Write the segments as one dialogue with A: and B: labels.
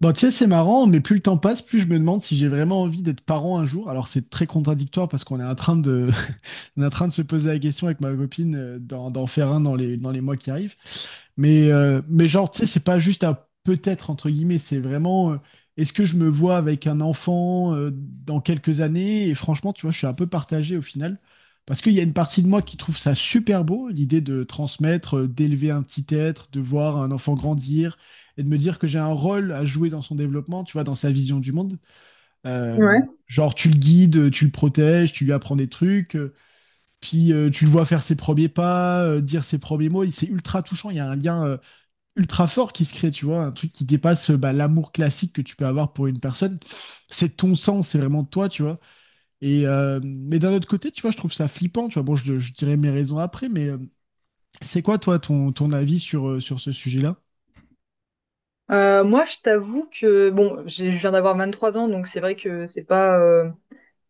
A: Bon, tu sais, c'est marrant, mais plus le temps passe, plus je me demande si j'ai vraiment envie d'être parent un jour. Alors, c'est très contradictoire parce qu'on est en train de, on est en train de se poser la question avec ma copine d'en faire un dans les mois qui arrivent. Mais genre, tu sais, c'est pas juste un peut-être, entre guillemets, c'est vraiment, est-ce que je me vois avec un enfant dans quelques années? Et franchement, tu vois, je suis un peu partagé au final, parce qu'il y a une partie de moi qui trouve ça super beau, l'idée de transmettre, d'élever un petit être, de voir un enfant grandir, et de me dire que j'ai un rôle à jouer dans son développement, tu vois, dans sa vision du monde. Euh,
B: Ouais.
A: genre, tu le guides, tu le protèges, tu lui apprends des trucs, puis tu le vois faire ses premiers pas, dire ses premiers mots, et c'est ultra touchant, il y a un lien ultra fort qui se crée, tu vois, un truc qui dépasse bah, l'amour classique que tu peux avoir pour une personne. C'est ton sang, c'est vraiment toi, tu vois. Mais d'un autre côté, tu vois, je trouve ça flippant, tu vois. Bon, je dirais mes raisons après, mais c'est quoi toi ton avis sur, sur ce sujet-là?
B: Moi, je t'avoue que bon, je viens d'avoir 23 ans, donc c'est vrai que c'est pas,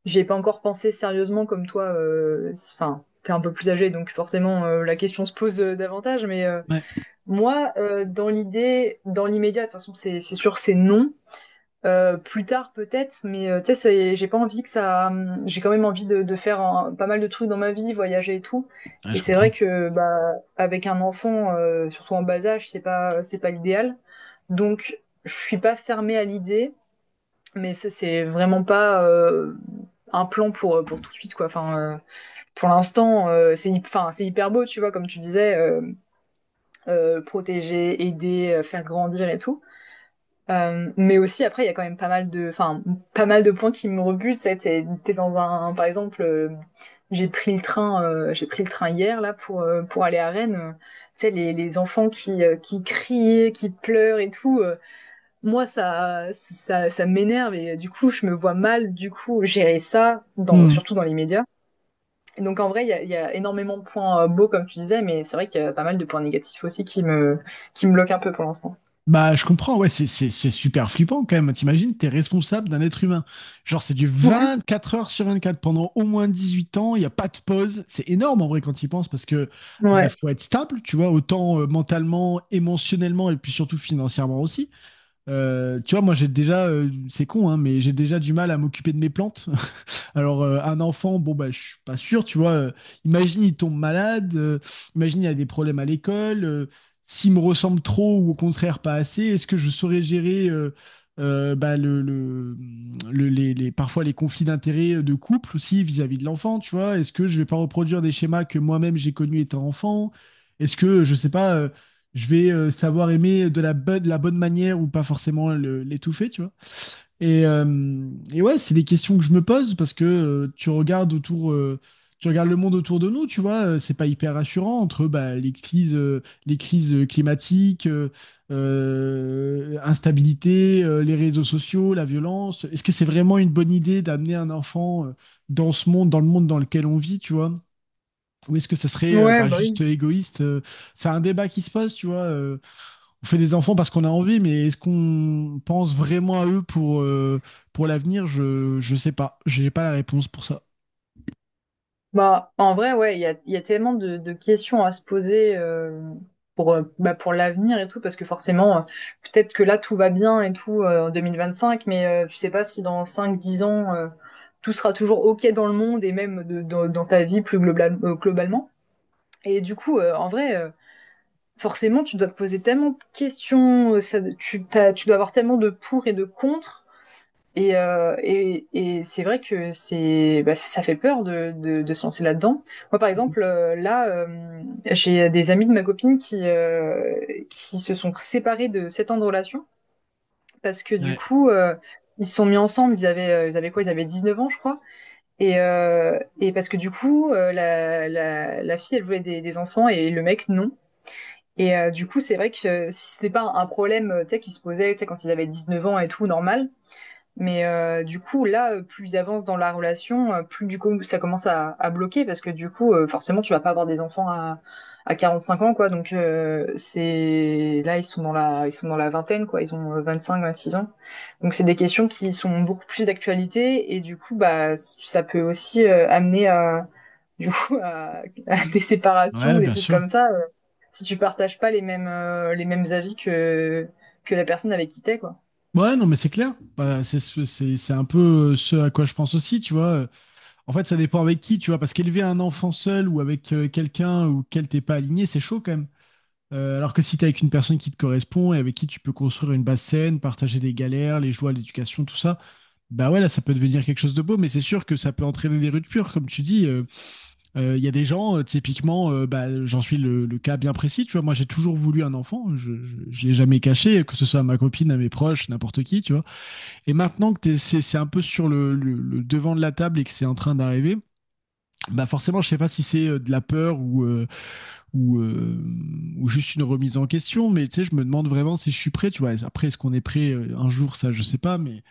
B: j'y ai pas encore pensé sérieusement comme toi. Enfin, t'es un peu plus âgé, donc forcément la question se pose davantage.
A: Ouais.
B: Moi, dans l'idée, dans l'immédiat, de toute façon, c'est sûr, c'est non. Plus tard peut-être, tu sais, j'ai pas envie que ça. J'ai quand même envie de faire pas mal de trucs dans ma vie, voyager et tout.
A: Ouais,
B: Et
A: je
B: c'est vrai
A: comprends.
B: que bah avec un enfant, surtout en bas âge, c'est pas l'idéal. Donc je suis pas fermée à l'idée, mais ça c'est vraiment pas un plan pour tout de suite quoi. Pour l'instant c'est c'est hyper beau tu vois comme tu disais protéger, aider, faire grandir et tout. Mais aussi après il y a quand même pas mal de points qui me rebutent. C'est T'es dans un, par exemple, j'ai pris le train hier là pour aller à Rennes. Tu sais les enfants qui crient, qui pleurent et tout, moi ça m'énerve, et du coup je me vois mal du coup gérer ça dans,
A: Hmm.
B: surtout dans les médias. Et donc en vrai il y a énormément de points beaux comme tu disais, mais c'est vrai qu'il y a pas mal de points négatifs aussi qui me bloquent un peu pour l'instant.
A: Bah, je comprends, ouais, c'est super flippant quand même. T'imagines, t'es responsable d'un être humain. Genre, c'est du 24 heures sur 24 pendant au moins 18 ans, il n'y a pas de pause. C'est énorme en vrai quand tu y penses parce que bah,
B: Ouais,
A: faut être stable, tu vois, autant mentalement, émotionnellement et puis surtout financièrement aussi. Tu vois, moi j'ai déjà, c'est con, hein, mais j'ai déjà du mal à m'occuper de mes plantes. Alors, un enfant, bon, bah, je suis pas sûr, tu vois. Imagine, il tombe malade, imagine, il a des problèmes à l'école, s'il me ressemble trop ou au contraire pas assez, est-ce que je saurais gérer euh, bah, le, le- parfois les conflits d'intérêts de couple aussi vis-à-vis de l'enfant, tu vois? Est-ce que je vais pas reproduire des schémas que moi-même j'ai connus étant enfant? Est-ce que, je sais pas, je vais savoir aimer de de la bonne manière ou pas forcément l'étouffer, tu vois? Et ouais, c'est des questions que je me pose parce que tu regardes autour, tu regardes le monde autour de nous, tu vois, c'est pas hyper rassurant entre bah, les crises climatiques, instabilité, les réseaux sociaux, la violence. Est-ce que c'est vraiment une bonne idée d'amener un enfant dans ce monde, dans le monde dans lequel on vit, tu vois? Ou est-ce que ça serait
B: ouais,
A: bah,
B: bah
A: juste
B: oui.
A: égoïste? C'est un débat qui se pose, tu vois. On fait des enfants parce qu'on a envie, mais est-ce qu'on pense vraiment à eux pour l'avenir? Je sais pas. J'ai pas la réponse pour ça.
B: Bah, en vrai, ouais, il y a tellement de questions à se poser, pour, bah, pour l'avenir et tout, parce que forcément, peut-être que là, tout va bien et tout en cinq, tu sais pas si dans cinq, 10 ans, tout sera toujours OK dans le monde, et même dans ta vie plus globalement. Et du coup, en vrai, forcément, tu dois te poser tellement de questions, tu dois avoir tellement de pour et de contre, et c'est vrai que c'est, bah, ça fait peur de se lancer là-dedans. Moi, par exemple, j'ai des amis de ma copine qui se sont séparés de 7 ans de relation, parce que du coup, ils se sont mis ensemble. Ils avaient quoi? Ils avaient 19 ans, je crois. Et parce que du coup, la fille, elle voulait des enfants, et le mec, non. Et du coup, c'est vrai que si c'était pas un problème tu sais, qui se posait, tu sais, quand ils avaient 19 ans et tout, normal, mais du coup, là, plus ils avancent dans la relation, plus du coup ça commence à bloquer parce que du coup, forcément, tu vas pas avoir des enfants à 45 ans, quoi. C'est là, ils sont dans ils sont dans la vingtaine, quoi. Ils ont 25, 26 ans. Donc c'est des questions qui sont beaucoup plus d'actualité, et du coup, bah, ça peut aussi amener à, du coup, à des séparations
A: Ouais,
B: ou des
A: bien
B: trucs
A: sûr.
B: comme ça, si tu partages pas les mêmes, les mêmes avis que la personne avec qui t'es, quoi.
A: Ouais, non, mais c'est clair. Bah, c'est un peu ce à quoi je pense aussi, tu vois. En fait, ça dépend avec qui, tu vois. Parce qu'élever un enfant seul ou avec quelqu'un auquel t'es pas aligné, c'est chaud quand même. Alors que si t'es avec une personne qui te correspond et avec qui tu peux construire une base saine, partager des galères, les joies, l'éducation, tout ça, bah ouais, là, ça peut devenir quelque chose de beau. Mais c'est sûr que ça peut entraîner des ruptures, comme tu dis. Il y a des gens, typiquement, bah, j'en suis le cas bien précis, tu vois, moi j'ai toujours voulu un enfant, je l'ai jamais caché, que ce soit à ma copine, à mes proches, n'importe qui, tu vois. Et maintenant que c'est un peu sur le devant de la table et que c'est en train d'arriver, bah forcément, je sais pas si c'est de la peur ou, euh, ou juste une remise en question, mais tu sais, je me demande vraiment si je suis prêt, tu vois. Après, est-ce qu'on est prêt un jour, ça, je sais pas, mais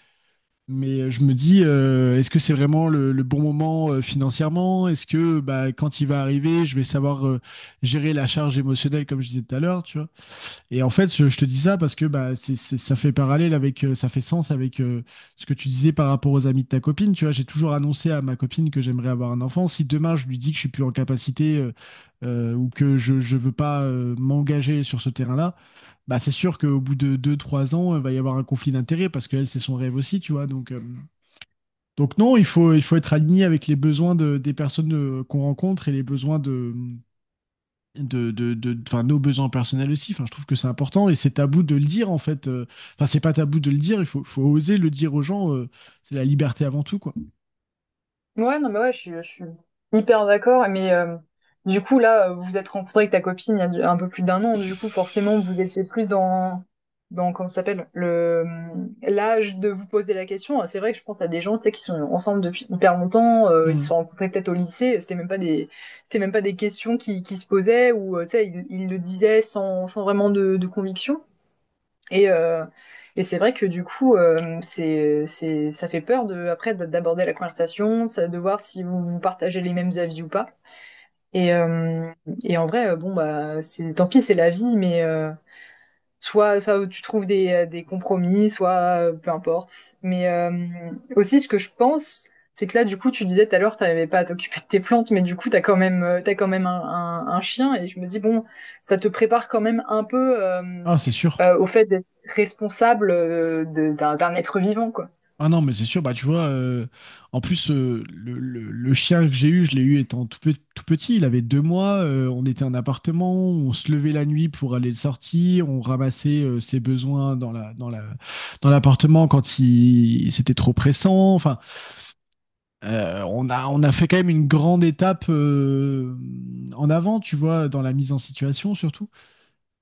A: mais euh, je me dis, est-ce que c'est vraiment le bon moment financièrement? Est-ce que bah, quand il va arriver, je vais savoir gérer la charge émotionnelle comme je disais tout à l'heure, tu vois? Et en fait, je te dis ça parce que bah, ça fait parallèle avec, ça fait sens avec ce que tu disais par rapport aux amis de ta copine, tu vois? J'ai toujours annoncé à ma copine que j'aimerais avoir un enfant. Si demain je lui dis que je suis plus en capacité ou que je ne veux pas m'engager sur ce terrain-là, bah, c'est sûr qu'au bout de deux, trois ans, il va y avoir un conflit d'intérêts parce qu'elle, c'est son rêve aussi, tu vois? Donc non, il faut être aligné avec les besoins des personnes qu'on rencontre et les besoins enfin, nos besoins personnels aussi. Enfin, je trouve que c'est important et c'est tabou de le dire en fait. Enfin, c'est pas tabou de le dire, faut oser le dire aux gens. C'est la liberté avant tout, quoi.
B: Ouais, non, mais ouais, je suis hyper d'accord. Du coup, là, vous vous êtes rencontré avec ta copine il y a un peu plus d'un an. Du coup, forcément, vous étiez plus dans, dans comment ça s'appelle, l'âge de vous poser la question. Ah, c'est vrai que je pense à des gens, tu sais, qui sont ensemble depuis hyper longtemps. Ils se
A: Mm.
B: sont rencontrés peut-être au lycée. C'était même pas des questions qui se posaient, ou, tu sais, ils le disaient sans vraiment de conviction. Et, euh, et c'est vrai que du coup, ça fait peur de, après d'aborder la conversation, de voir si vous, vous partagez les mêmes avis ou pas. Et, euh, et en vrai, bon, bah, c'est, tant pis, c'est la vie, soit, soit tu trouves des compromis, soit peu importe. Mais euh, Aussi, ce que je pense, c'est que là, du coup, tu disais tout à l'heure, t'arrivais pas à t'occuper de tes plantes, mais du coup, t'as quand même un chien, et je me dis, bon, ça te prépare quand même un peu
A: Ah, c'est sûr.
B: au fait d'être responsable d'un être vivant, quoi.
A: Ah non, mais c'est sûr, bah tu vois, en plus, le chien que j'ai eu, je l'ai eu étant tout petit, il avait deux mois, on était en appartement, on se levait la nuit pour aller le sortir, on ramassait ses besoins dans dans l'appartement quand il, c'était trop pressant, enfin, on a fait quand même une grande étape en avant, tu vois, dans la mise en situation surtout.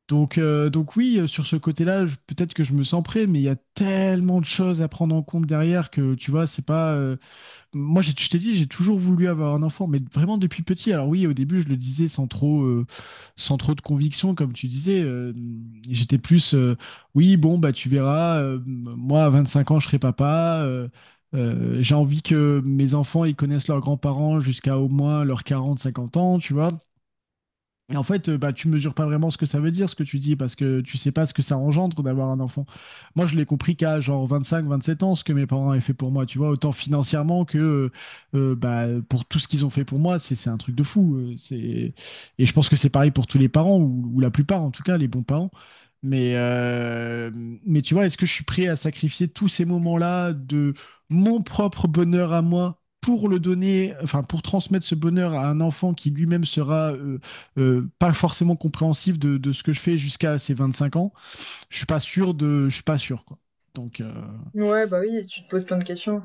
A: Donc oui, sur ce côté-là, peut-être que je me sens prêt, mais il y a tellement de choses à prendre en compte derrière que tu vois, c'est pas. Moi, je t'ai dit, j'ai toujours voulu avoir un enfant, mais vraiment depuis petit. Alors oui, au début, je le disais sans trop, sans trop de conviction, comme tu disais. J'étais plus, oui, bon, bah tu verras. Moi, à 25 ans, je serai papa. J'ai envie que mes enfants, ils connaissent leurs grands-parents jusqu'à au moins leurs 40, 50 ans, tu vois. Et en fait, bah, tu mesures pas vraiment ce que ça veut dire, ce que tu dis, parce que tu sais pas ce que ça engendre d'avoir un enfant. Moi, je l'ai compris qu'à genre vingt cinq vingt sept ans, ce que mes parents avaient fait pour moi, tu vois, autant financièrement que bah, pour tout ce qu'ils ont fait pour moi, c'est un truc de fou. C'est... Et je pense que c'est pareil pour tous les parents, ou la plupart en tout cas, les bons parents. Mais, euh, mais tu vois, est-ce que je suis prêt à sacrifier tous ces moments-là de mon propre bonheur à moi pour le donner, enfin pour transmettre ce bonheur à un enfant qui lui-même sera pas forcément compréhensif de ce que je fais jusqu'à ces 25 ans, je suis pas sûr de, je suis pas sûr quoi. Donc
B: Ouais, bah oui, tu te poses plein de questions.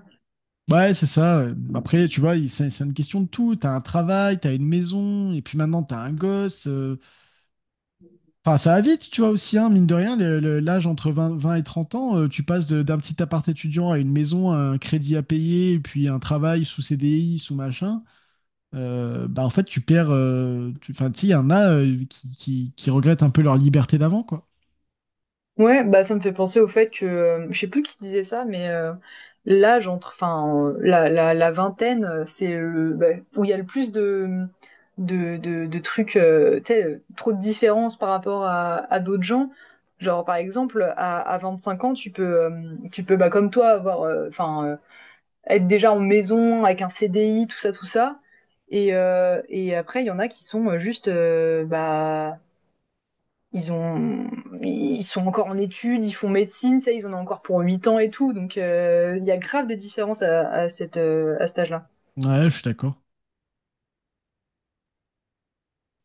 A: ouais, c'est ça. Après, tu vois, c'est une question de tout. T'as un travail, t'as une maison, et puis maintenant t'as un gosse. Enfin, ça va vite, tu vois aussi, hein, mine de rien, l'âge entre 20 20 et 30 ans, tu passes d'un petit appart étudiant à une maison, à un crédit à payer, et puis un travail sous CDI, sous machin. Bah en fait, tu perds. Enfin, tu sais, il y en a qui regrettent un peu leur liberté d'avant, quoi.
B: Ouais, bah ça me fait penser au fait que je sais plus qui disait ça, l'âge entre, la vingtaine, c'est le bah, où il y a le plus de de trucs, tu sais, trop de différences par rapport à d'autres gens. Genre par exemple, à 5 ans, tu peux bah comme toi avoir, être déjà en maison avec un CDI, tout ça, tout ça. Et après il y en a qui sont juste bah ils ont ils sont encore en études, ils font médecine, ça, ils en ont encore pour 8 ans et tout. Donc il Y a grave des différences à cette, à cet âge-là.
A: Ouais, je suis d'accord.